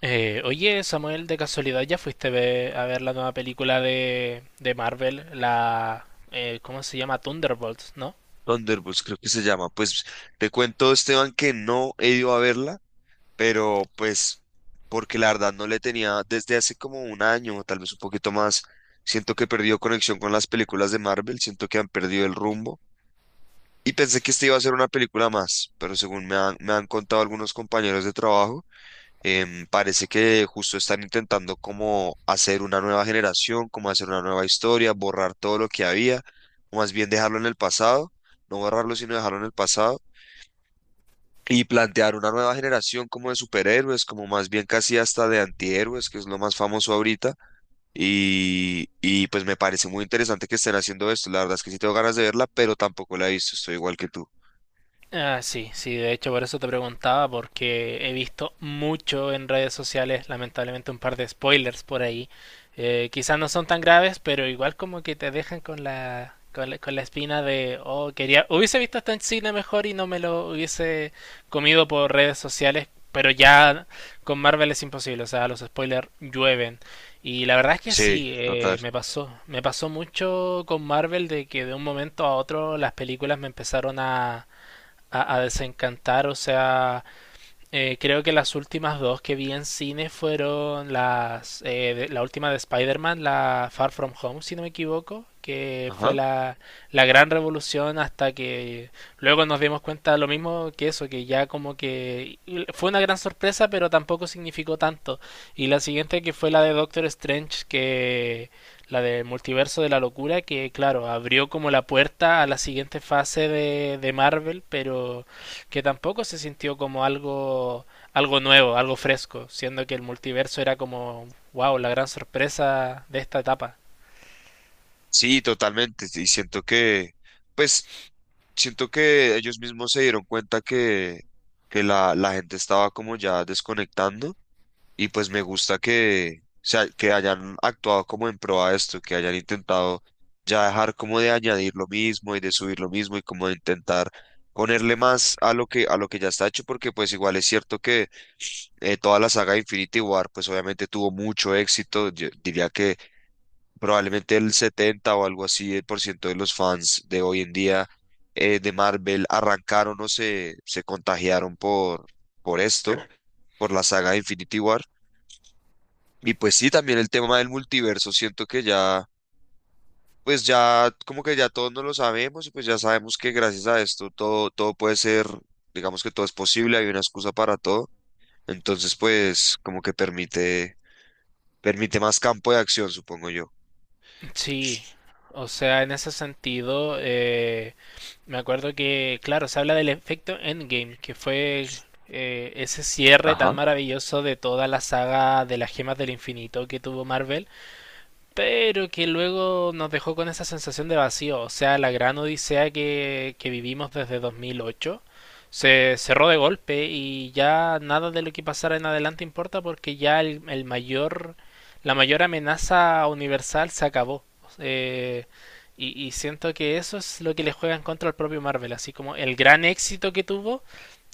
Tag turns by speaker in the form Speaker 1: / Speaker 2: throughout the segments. Speaker 1: Oye, Samuel, de casualidad, ¿ya fuiste a ver, la nueva película de Marvel? ¿Cómo se llama? Thunderbolts, ¿no?
Speaker 2: Thunderbolts creo que se llama. Pues te cuento, Esteban, que no he ido a verla, pero pues porque la verdad no le tenía desde hace como un año, o tal vez un poquito más. Siento que perdió conexión con las películas de Marvel, siento que han perdido el rumbo. Y pensé que esta iba a ser una película más, pero según me han contado algunos compañeros de trabajo. Parece que justo están intentando como hacer una nueva generación, como hacer una nueva historia, borrar todo lo que había, o más bien dejarlo en el pasado, no borrarlo, sino dejarlo en el pasado, y plantear una nueva generación como de superhéroes, como más bien casi hasta de antihéroes, que es lo más famoso ahorita. Y pues me parece muy interesante que estén haciendo esto. La verdad es que sí tengo ganas de verla, pero tampoco la he visto, estoy igual que tú.
Speaker 1: Ah, sí, sí, de hecho por eso te preguntaba, porque he visto mucho en redes sociales, lamentablemente un par de spoilers por ahí. Quizás no son tan graves, pero igual como que te dejan con la espina de, oh, quería, hubiese visto esto en cine mejor y no me lo hubiese comido por redes sociales, pero ya con Marvel es imposible, o sea, los spoilers llueven. Y la verdad es que
Speaker 2: Sí,
Speaker 1: sí,
Speaker 2: total.
Speaker 1: me pasó mucho con Marvel de que de un momento a otro las películas me empezaron a a desencantar. O sea, creo que las últimas dos que vi en cine fueron la última de Spider-Man, la Far From Home, si no me equivoco, que fue
Speaker 2: Ajá.
Speaker 1: la gran revolución hasta que luego nos dimos cuenta lo mismo que eso, que ya como que fue una gran sorpresa, pero tampoco significó tanto. Y la siguiente que fue la de Doctor Strange, que la de Multiverso de la Locura, que claro, abrió como la puerta a la siguiente fase de Marvel, pero que tampoco se sintió como algo, algo nuevo, algo fresco, siendo que el multiverso era como, wow, la gran sorpresa de esta etapa.
Speaker 2: Sí, totalmente. Y siento que, pues... siento que ellos mismos se dieron cuenta que la gente estaba como ya desconectando y pues me gusta que, o sea, que hayan actuado como en pro a esto, que hayan intentado ya dejar como de añadir lo mismo y de subir lo mismo y como de intentar ponerle más a lo que ya está hecho, porque pues igual es cierto que toda la saga de Infinity War pues obviamente tuvo mucho éxito. Yo diría que probablemente el 70 o algo así, el por ciento de los fans de hoy en día de Marvel arrancaron o se contagiaron por esto, por la saga de Infinity War. Y pues sí, también el tema del multiverso, siento que ya, pues ya, como que ya todos nos lo sabemos y pues ya sabemos que gracias a esto todo, todo puede ser, digamos que todo es posible, hay una excusa para todo. Entonces, pues como que permite más campo de acción, supongo yo.
Speaker 1: Sí, o sea, en ese sentido, me acuerdo que, claro, se habla del efecto Endgame, que fue ese cierre tan
Speaker 2: Ajá.
Speaker 1: maravilloso de toda la saga de las gemas del infinito que tuvo Marvel, pero que luego nos dejó con esa sensación de vacío. O sea, la gran odisea que vivimos desde 2008 se cerró de golpe y ya nada de lo que pasara en adelante importa porque ya el mayor, la mayor amenaza universal se acabó. Eh, y siento que eso es lo que le juega en contra al propio Marvel, así como el gran éxito que tuvo,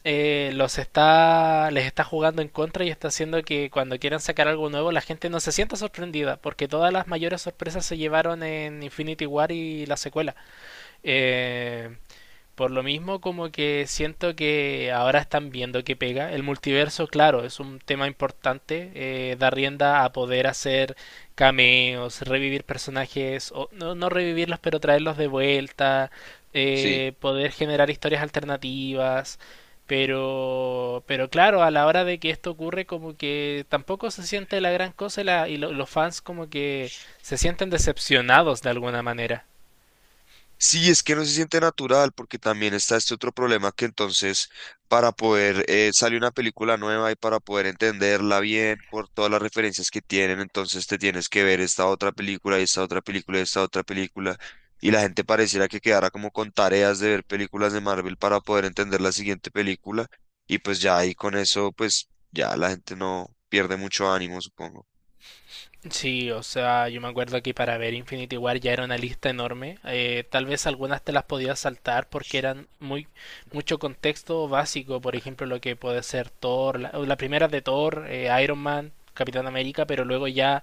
Speaker 1: les está jugando en contra y está haciendo que cuando quieran sacar algo nuevo la gente no se sienta sorprendida, porque todas las mayores sorpresas se llevaron en Infinity War y la secuela. Eh, por lo mismo, como que siento que ahora están viendo que pega. El multiverso, claro, es un tema importante. Da rienda a poder hacer cameos, revivir personajes, o no, no revivirlos, pero traerlos de vuelta,
Speaker 2: Sí.
Speaker 1: poder generar historias alternativas. Pero claro, a la hora de que esto ocurre, como que tampoco se siente la gran cosa y, los fans como que se sienten decepcionados de alguna manera.
Speaker 2: Sí, es que no se siente natural porque también está este otro problema que entonces para poder salir una película nueva y para poder entenderla bien por todas las referencias que tienen, entonces te tienes que ver esta otra película y esta otra película y esta otra película, y la gente pareciera que quedara como con tareas de ver películas de Marvel para poder entender la siguiente película. Y pues ya ahí con eso pues ya la gente no pierde mucho ánimo, supongo.
Speaker 1: Sí, o sea, yo me acuerdo que para ver Infinity War ya era una lista enorme. Tal vez algunas te las podías saltar porque eran muy mucho contexto básico, por ejemplo, lo que puede ser Thor, o la primera de Thor, Iron Man, Capitán América, pero luego ya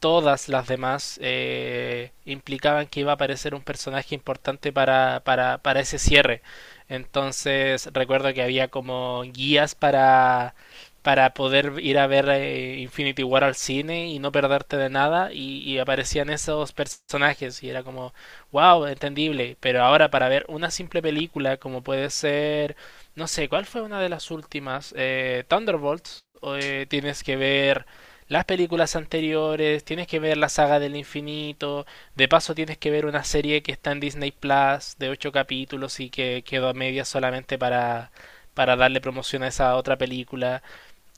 Speaker 1: todas las demás implicaban que iba a aparecer un personaje importante para ese cierre. Entonces recuerdo que había como guías para poder ir a ver Infinity War al cine y no perderte de nada y aparecían esos personajes y era como, wow, entendible. Pero ahora para ver una simple película como puede ser, no sé, ¿cuál fue una de las últimas? Thunderbolts. Eh, tienes que ver las películas anteriores, tienes que ver la saga del infinito, de paso tienes que ver una serie que está en Disney Plus de ocho capítulos y que quedó a medias solamente para darle promoción a esa otra película.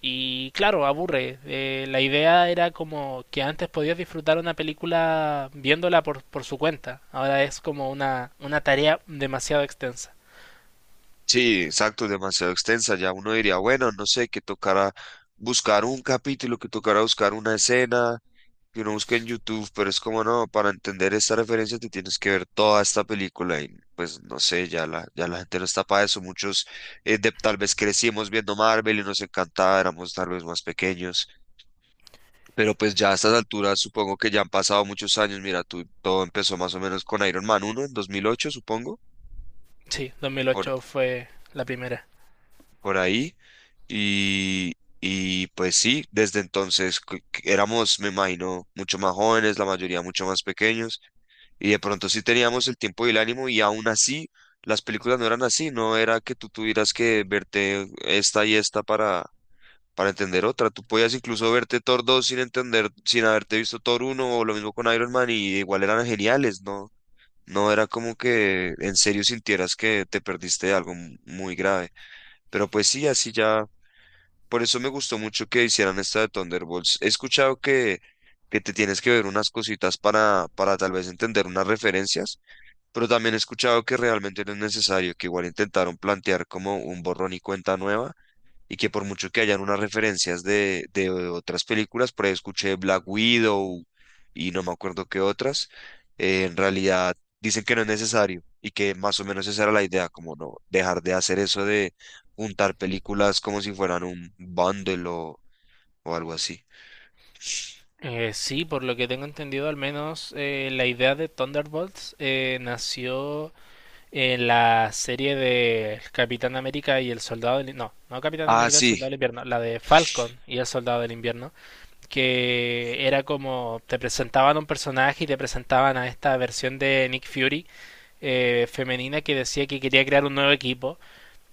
Speaker 1: Y claro, aburre. La idea era como que antes podías disfrutar una película viéndola por su cuenta. Ahora es como una tarea demasiado extensa.
Speaker 2: Sí, exacto, demasiado extensa. Ya uno diría, bueno, no sé, que tocará buscar un capítulo, que tocará buscar una escena, que uno busque en YouTube, pero es como no, para entender esta referencia te tienes que ver toda esta película. Y pues no sé, ya ya la gente no está para eso. Muchos tal vez crecimos viendo Marvel y nos encantaba, éramos tal vez más pequeños, pero pues ya a estas alturas supongo que ya han pasado muchos años. Mira, tú, todo empezó más o menos con Iron Man uno en 2008, supongo.
Speaker 1: Sí, 2008 fue la primera.
Speaker 2: Por ahí. Y, y pues sí, desde entonces que éramos, me imagino, mucho más jóvenes, la mayoría mucho más pequeños, y de pronto sí teníamos el tiempo y el ánimo, y aún así las películas no eran así, no era que tú tuvieras que verte esta y esta para entender otra. Tú podías incluso verte Thor 2 sin entender, sin haberte visto Thor uno o lo mismo con Iron Man, y igual eran geniales, ¿no? No era como que en serio sintieras que te perdiste de algo muy grave. Pero pues sí, así ya por eso me gustó mucho que hicieran esta de Thunderbolts. He escuchado que te tienes que ver unas cositas para tal vez entender unas referencias, pero también he escuchado que realmente no es necesario, que igual intentaron plantear como un borrón y cuenta nueva, y que por mucho que hayan unas referencias de otras películas, por ahí escuché Black Widow y no me acuerdo qué otras. En realidad dicen que no es necesario y que más o menos esa era la idea, como no dejar de hacer eso de juntar películas como si fueran un bundle o algo así.
Speaker 1: Sí, por lo que tengo entendido, al menos la idea de Thunderbolts nació en la serie de El Capitán América y el Soldado del... No, Capitán
Speaker 2: Ah,
Speaker 1: América y el
Speaker 2: sí,
Speaker 1: Soldado del Invierno, la de Falcon y el Soldado del Invierno, que era como te presentaban un personaje y te presentaban a esta versión de Nick Fury femenina que decía que quería crear un nuevo equipo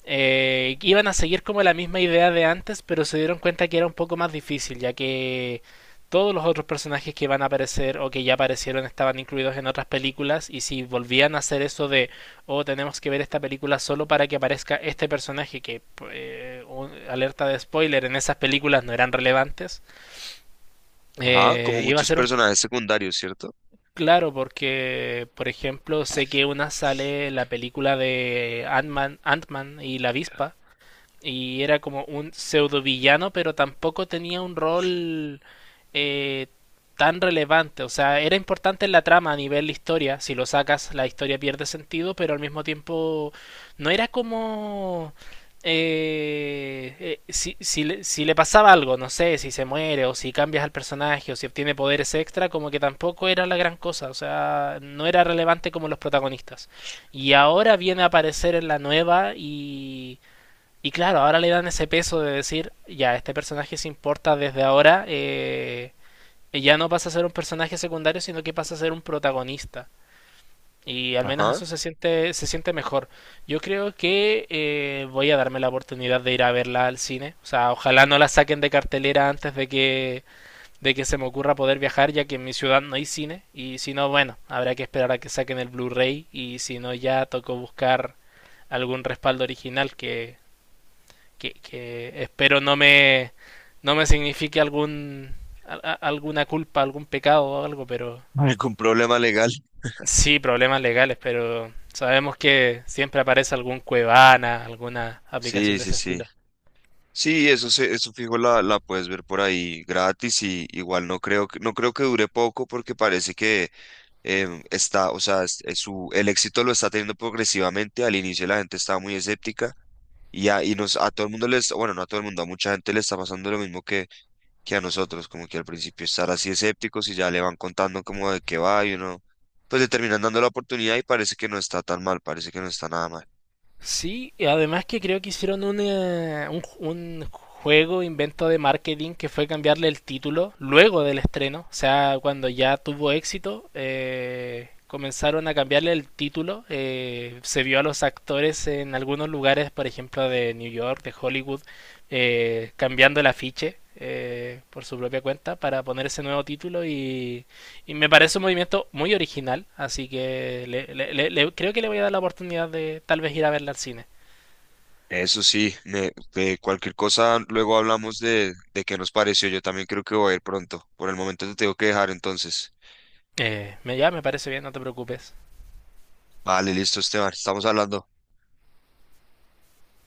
Speaker 1: iban a seguir como la misma idea de antes, pero se dieron cuenta que era un poco más difícil, ya que todos los otros personajes que van a aparecer o que ya aparecieron estaban incluidos en otras películas y si volvían a hacer eso de oh tenemos que ver esta película solo para que aparezca este personaje que alerta de spoiler, en esas películas no eran relevantes,
Speaker 2: ajá, como
Speaker 1: iba a
Speaker 2: muchos
Speaker 1: ser un
Speaker 2: personajes secundarios, ¿cierto?
Speaker 1: claro porque por ejemplo sé que una sale la película de Ant-Man y la avispa y era como un pseudo villano, pero tampoco tenía un rol eh, tan relevante. O sea, era importante en la trama a nivel de historia. Si lo sacas, la historia pierde sentido, pero al mismo tiempo no era como... si si le pasaba algo, no sé, si se muere o si cambias al personaje o si obtiene poderes extra, como que tampoco era la gran cosa, o sea, no era relevante como los protagonistas. Y ahora viene a aparecer en la nueva, y claro, ahora le dan ese peso de decir, ya, este personaje se importa desde ahora, ya no pasa a ser un personaje secundario, sino que pasa a ser un protagonista. Y al menos eso
Speaker 2: Ajá,
Speaker 1: se siente mejor. Yo creo que voy a darme la oportunidad de ir a verla al cine. O sea, ojalá no la saquen de cartelera antes de que se me ocurra poder viajar, ya que en mi ciudad no hay cine. Y si no, bueno, habrá que esperar a que saquen el Blu-ray. Y si no, ya tocó buscar algún respaldo original que espero no me signifique algún, alguna culpa, algún pecado o algo, pero
Speaker 2: algún problema legal.
Speaker 1: sí, problemas legales, pero sabemos que siempre aparece algún Cuevana, alguna aplicación
Speaker 2: Sí,
Speaker 1: de
Speaker 2: sí,
Speaker 1: ese
Speaker 2: sí.
Speaker 1: estilo.
Speaker 2: Sí, eso se, eso fijo la, la puedes ver por ahí gratis, y igual no creo que, no creo que dure poco porque parece que está, o sea, es su, el éxito lo está teniendo progresivamente. Al inicio la gente estaba muy escéptica y a todo el mundo les, bueno, no a todo el mundo, a mucha gente le está pasando lo mismo que a nosotros, como que al principio estar así escépticos y ya le van contando como de qué va y uno, pues le terminan dando la oportunidad y parece que no está tan mal, parece que no está nada mal.
Speaker 1: Sí, y además que creo que hicieron un juego, invento de marketing, que fue cambiarle el título luego del estreno. O sea, cuando ya tuvo éxito, comenzaron a cambiarle el título. Eh, se vio a los actores en algunos lugares, por ejemplo, de New York, de Hollywood, cambiando el afiche por su propia cuenta para poner ese nuevo título y me parece un movimiento muy original, así que creo que le voy a dar la oportunidad de tal vez ir a verla al cine.
Speaker 2: Eso sí, de cualquier cosa luego hablamos de qué nos pareció. Yo también creo que voy a ir pronto. Por el momento te tengo que dejar entonces.
Speaker 1: Ya me parece bien, no te preocupes.
Speaker 2: Vale, listo, Esteban. Estamos hablando.